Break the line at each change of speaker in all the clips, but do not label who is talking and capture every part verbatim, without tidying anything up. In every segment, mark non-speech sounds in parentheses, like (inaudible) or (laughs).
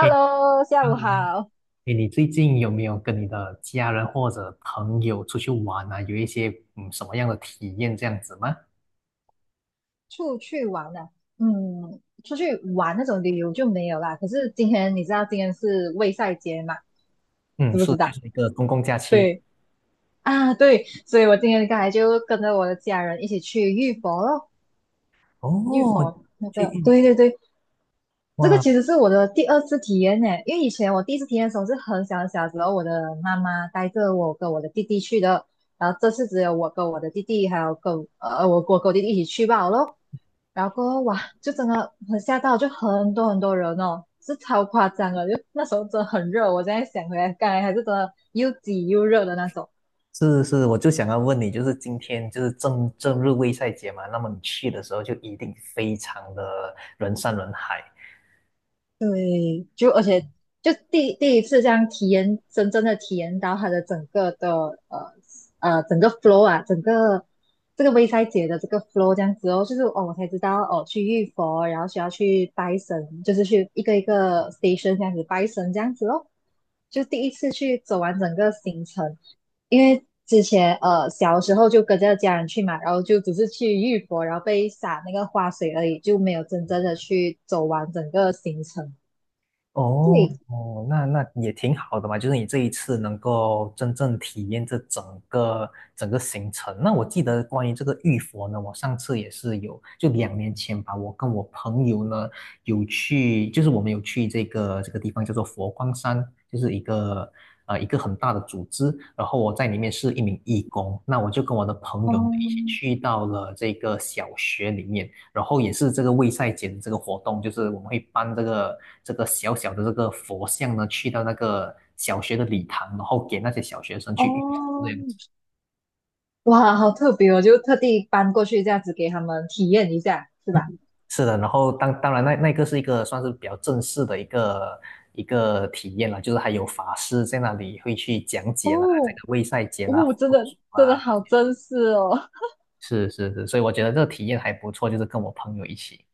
哎，
下午
嗯，
好。
哎，你最近有没有跟你的家人或者朋友出去玩啊？有一些嗯什么样的体验这样子吗？
出去玩了，嗯，出去玩那种旅游就没有啦。可是今天你知道今天是卫赛节嘛？
嗯，
知不
是
知
就
道？
是一个公共假期。
对啊，对，所以我今天刚才就跟着我的家人一起去浴佛咯，浴
哦，
佛那
去
个，
印
对对对，这个
哇，
其实是我的第二次体验呢。因为以前我第一次体验的时候是很小很小的时候，我的妈妈带着我跟我的弟弟去的，然后这次只有我跟我的弟弟还有跟呃我我跟我弟弟一起去罢了咯。然后过后哇，就真的很吓到，就很多很多人哦，是超夸张的。就那时候真的很热，我现在想回来，刚才还是真的又挤又热的那种。
是是，我就想要问你，就是今天就是正正日卫赛节嘛，那么你去的时候就一定非常的人山人海。
对，就而且就第第一次这样体验，真正的体验到它的整个的呃呃整个 flow 啊，整个这个微赛节的这个 flow 这样子哦，就是哦我才知道哦去浴佛，然后需要去拜神，就是去一个一个 station 这样子拜神这样子哦。就第一次去走完整个行程，因为之前呃小时候就跟着家人去嘛，然后就只是去玉佛，然后被洒那个花水而已，就没有真正的去走完整个行程。
哦
对，
哦，那那也挺好的嘛，就是你这一次能够真正体验这整个整个行程。那我记得关于这个玉佛呢，我上次也是有，就两年前吧，我跟我朋友呢有去，就是我们有去这个这个地方叫做佛光山，就是一个呃一个很大的组织，然后我在里面是一名义工，那我就跟我的朋友呢一起
哦
去到了这个小学里面。然后也是这个卫赛节这个活动，就是我们会搬这个这个小小的这个佛像呢，去到那个小学的礼堂，然后给那些小学生去对，
哦，哇，好特别哦！就特地搬过去这样子给他们体验一下，是吧？
是的，然后当当然那那个是一个算是比较正式的一个一个体验了，就是还有法师在那里会去讲解了 (laughs) 这个
哦
卫赛节啦、
哦，真
佛
的
祖
真的
啊，
好真实哦。
是是是，所以我觉得这个体验还不错，就是跟我朋友一起。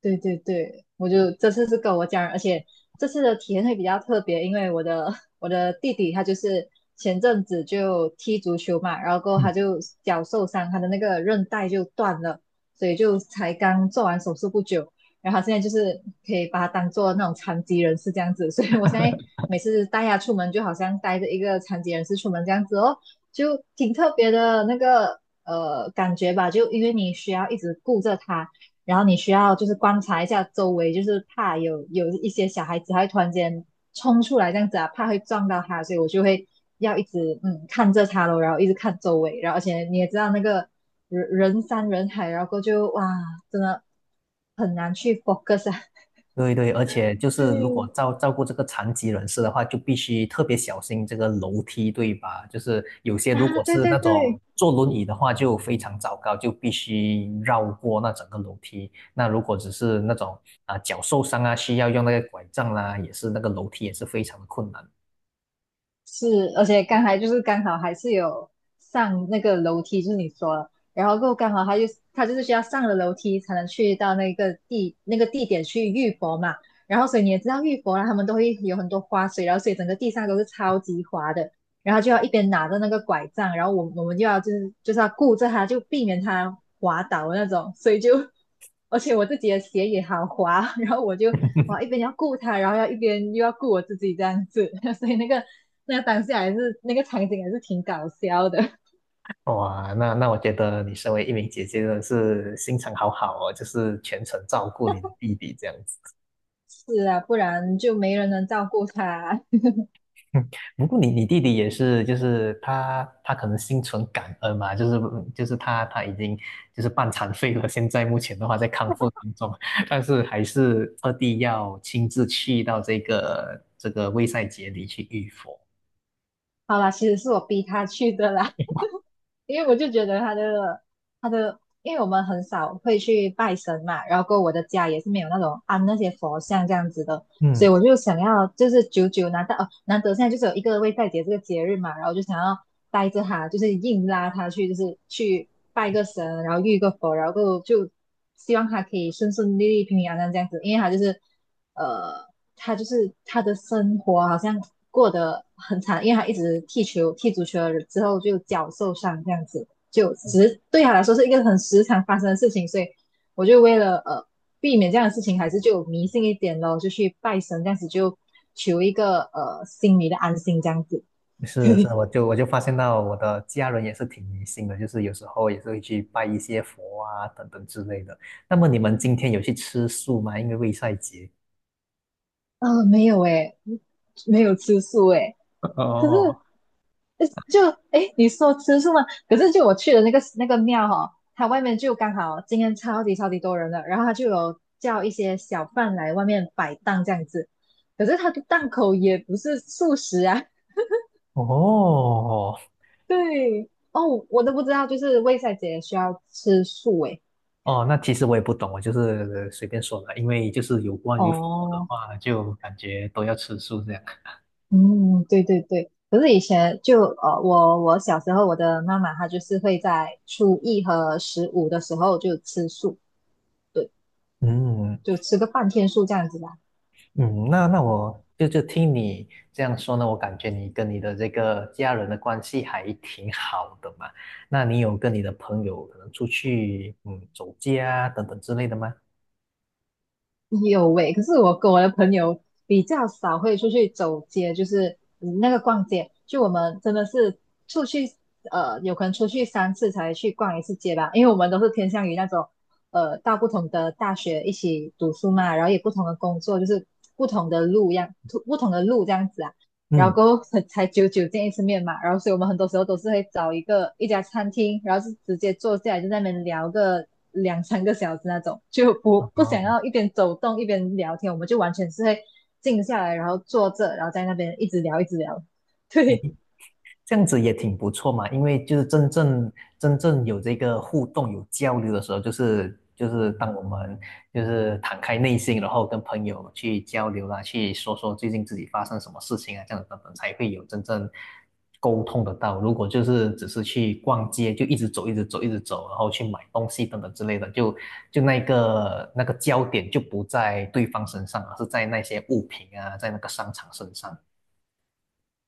对对对，我就这次是跟我家人，而且这次的体验会比较特别，因为我的 (laughs) 我的弟弟他就是前阵子就踢足球嘛，然后过后他
嗯。
就脚受伤，他的那个韧带就断了，所以就才刚做完手术不久，然后他现在就是可以把他当做那种残疾人士这样子，所以我现在每次带他出门就好像带着一个残疾人士出门这样子哦，就挺特别的那个呃感觉吧，就因为你需要一直顾着他。然后你需要就是观察一下周围，就是怕有有一些小孩子他会突然间冲出来这样子啊，怕会撞到他，所以我就会要一直嗯看着他咯，然后一直看周围，然后而且你也知道那个人人山人海，然后后就哇，真的很难去 focus 啊。
对对，而且就
(laughs) 对，
是如果照照顾这个残疾人士的话，就必须特别小心这个楼梯，对吧？就是有些如
啊，
果
对
是
对
那种
对，
坐轮椅的话，就非常糟糕，就必须绕过那整个楼梯。那如果只是那种啊、脚受伤啊，需要用那个拐杖啦、也是那个楼梯也是非常的困难。
是，而且刚才就是刚好还是有上那个楼梯，就是你说的，然后过后刚好他就他就是需要上了楼梯才能去到那个地那个地点去浴佛嘛，然后所以你也知道浴佛啦，他们都会有很多花水，然后所以整个地上都是超级滑的，然后就要一边拿着那个拐杖，然后我我们就要就是就是要顾着他，就避免他滑倒那种，所以就 (laughs) 而且我自己的鞋也好滑，然后我就哇一边要顾他，然后要一边又要顾我自己这样子，(laughs) 所以那个那当下还是那个场景还是挺搞笑的。(laughs)
哇，那那我觉得你身为一名姐姐真的是心肠好好哦，就是全程照顾你的弟弟这样子。
是啊，不然就没人能照顾他。
嗯，不过你你弟弟也是，就是他他可能心存感恩嘛，就是嗯就是他他已经就是半残废了，现在目前的话在康复当中，(laughs) 但是还是二弟要亲自去到这个这个卫塞节里去浴佛。
(laughs) 好啦，其实是我逼他去的啦，(laughs) 因为我就觉得他的他的，因为我们很少会去拜神嘛，然后过后我的家也是没有那种安那些佛像这样子的，所
嗯，
以我就想要，就是久久拿到哦，难得现在就是有一个为代节这个节日嘛，然后就想要带着他，就是硬拉他去，就是去拜个神，然后遇个佛，然后就希望他可以顺顺利利、平平安安这样子，因为他就是呃，他就是他的生活好像过得很惨，因为他一直踢球、踢足球了之后就脚受伤这样子，就只是对他来说是一个很时常发生的事情，所以我就为了呃。避免这样的事情，还是就迷信一点咯，就去拜神，这样子就求一个呃心里的安心，这样子。
是是，我就我就发现到我的家人也是挺迷信的，就是有时候也是会去拜一些佛啊等等之类的。那么你们今天有去吃素吗？因为卫塞节。
呃，没有诶，没有吃素诶。可是
哦
呃就诶，你说吃素吗？可是就我去的那个那个庙哈、哦，它外面就刚好今天超级超级多人了，然后它就有叫一些小贩来外面摆档这样子。可是它的档口也不是素食啊，
哦，
对哦，我都不知道，就是卫赛姐需要吃素诶。
哦，那其实我也不懂，我就是随便说的，因为就是有关于佛的
哦，
话，就感觉都要吃素这样。
嗯，对对对。可是以前就呃，我我小时候，我的妈妈她就是会在初一和十五的时候就吃素，对，
嗯
就吃个半天素这样子吧。
嗯，那那我就就听你这样说呢，我感觉你跟你的这个家人的关系还挺好的嘛。那你有跟你的朋友可能出去嗯走街啊等等之类的吗？
有喂，可是我跟我的朋友比较少会出去走街，就是嗯那个逛街，就我们真的是出去呃，有可能出去三次才去逛一次街吧，因为我们都是偏向于那种呃，到不同的大学一起读书嘛，然后也不同的工作，就是不同的路样，不同的路这样子啊。然后
嗯，
过后才才久久见一次面嘛，然后所以我们很多时候都是会找一个一家餐厅，然后是直接坐下来就在那边聊个两三个小时那种，就不不想要一边走动一边聊天，我们就完全是会静下来，然后坐着，然后在那边一直聊一直聊。对
这样子也挺不错嘛，因为就是真正真正有这个互动、有交流的时候，就是就是当我们就是敞开内心，然后跟朋友去交流啦，去说说最近自己发生什么事情啊，这样子等等，才会有真正沟通得到。如果就是只是去逛街，就一直走、一直走、一直走，然后去买东西等等之类的，就就那个那个焦点就不在对方身上，而是在那些物品啊，在那个商场身上。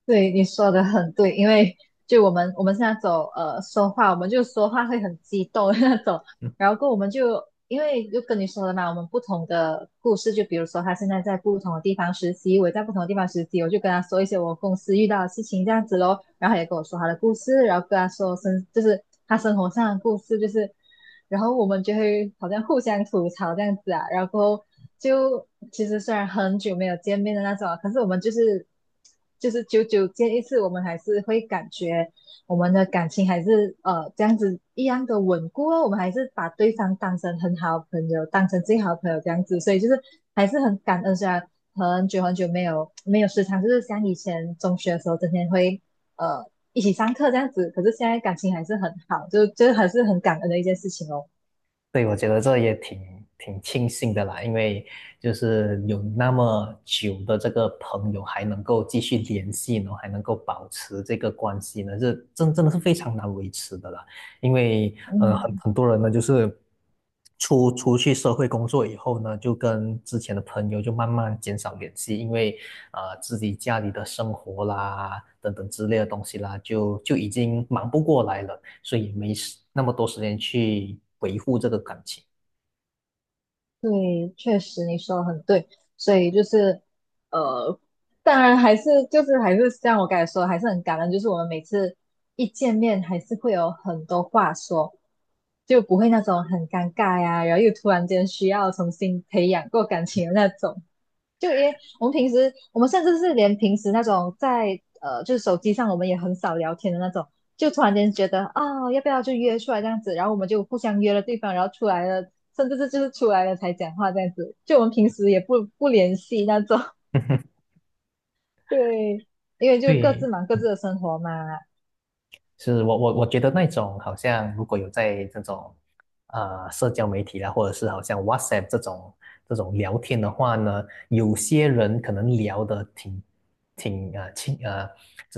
对，你说的很对，因为就我们我们现在走呃说话，我们就说话会很激动的那种，然后跟我们就因为就跟你说了嘛，我们不同的故事，就比如说他现在在不同的地方实习，我也在不同的地方实习，我就跟他说一些我公司遇到的事情这样子咯，然后他也跟我说他的故事，然后跟他说生就是他生活上的故事，就是然后我们就会好像互相吐槽这样子啊，然后过后就其实虽然很久没有见面的那种啊可是我们就是就是久久见一次，我们还是会感觉。我们的感情还是呃这样子一样的稳固哦，我们还是把对方当成很好的朋友，当成最好的朋友这样子，所以就是还是很感恩，虽然很久很久没有没有时常就是像以前中学的时候，整天会呃一起上课这样子，可是现在感情还是很好，就就还是很感恩的一件事情哦，
对，我觉得这也挺挺庆幸的啦，因为就是有那么久的这个朋友还能够继续联系，呢，然后还能够保持这个关系呢，这真真的是非常难维持的啦。因为呃，很
嗯。
很多人呢，就是出出去社会工作以后呢，就跟之前的朋友就慢慢减少联系，因为呃自己家里的生活啦等等之类的东西啦，就就已经忙不过来了。所以没时那么多时间去维护这个感情。
对，确实你说的很对，所以就是呃，当然还是就是还是像我刚才说的，还是很感恩，就是我们每次一见面还是会有很多话说，就不会那种很尴尬呀，然后又突然间需要重新培养过感情的那种。就因为我们平时，我们甚至是连平时那种在呃，就是手机上我们也很少聊天的那种，就突然间觉得啊、要不要就约出来这样子，然后我们就互相约了对方，然后出来了，甚至是就是出来了才讲话这样子，就我们平时也不不联系那种，
(laughs)
(laughs) 对，因为就各自
对，
忙各
嗯
自的生活嘛，
是我我我觉得那种好像如果有在这种呃社交媒体啦，或者是好像 WhatsApp 这种这种聊天的话呢，有些人可能聊得挺挺啊呃亲啊呃，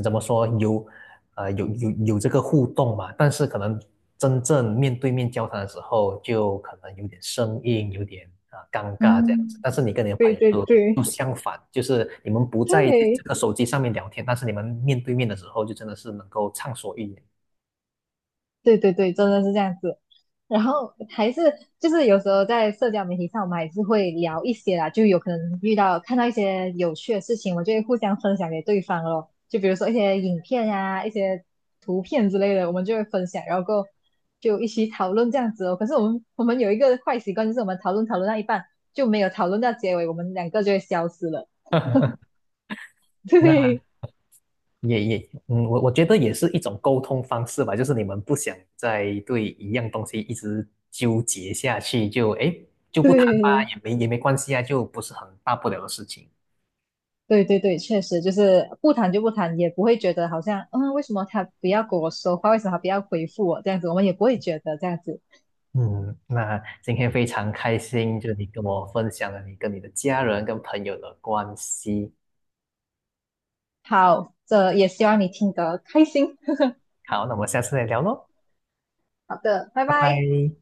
怎么说有呃有有有这个互动嘛，但是可能真正面对面交谈的时候，就可能有点生硬，有点啊、尴尬这样子。
嗯，
但是你跟你的朋
对
友
对
就
对
就相反，就是你们不在这
对，
个手机上面聊天，但是你们面对面的时候，就真的是能够畅所欲言。
对对对，真的是这样子。然后还是就是有时候在社交媒体上，我们还是会聊一些啦，就有可能遇到看到一些有趣的事情，我就会互相分享给对方咯。就比如说一些影片呀、一些图片之类的，我们就会分享，然后过后就一起讨论这样子哦。可是我们我们有一个坏习惯，就是我们讨论讨论到一半就没有讨论到结尾，我们两个就会消失了。
(laughs)
(laughs)
那
对
也也，嗯，我我觉得也是一种沟通方式吧，就是你们不想再对一样东西一直纠结下去，就哎就不谈吧，
对。
也没也没关系啊，就不是很大不了的事情。
对对对，确实就是不谈就不谈，也不会觉得好像，嗯，为什么他不要跟我说话，为什么他不要回复我这样子，我们也不会觉得这样子。
嗯，那今天非常开心，就你跟我分享了你跟你的家人跟朋友的关系。
好，这也希望你听得开心。
好，那我们下次再聊喽，
好的，拜
拜
拜。
拜。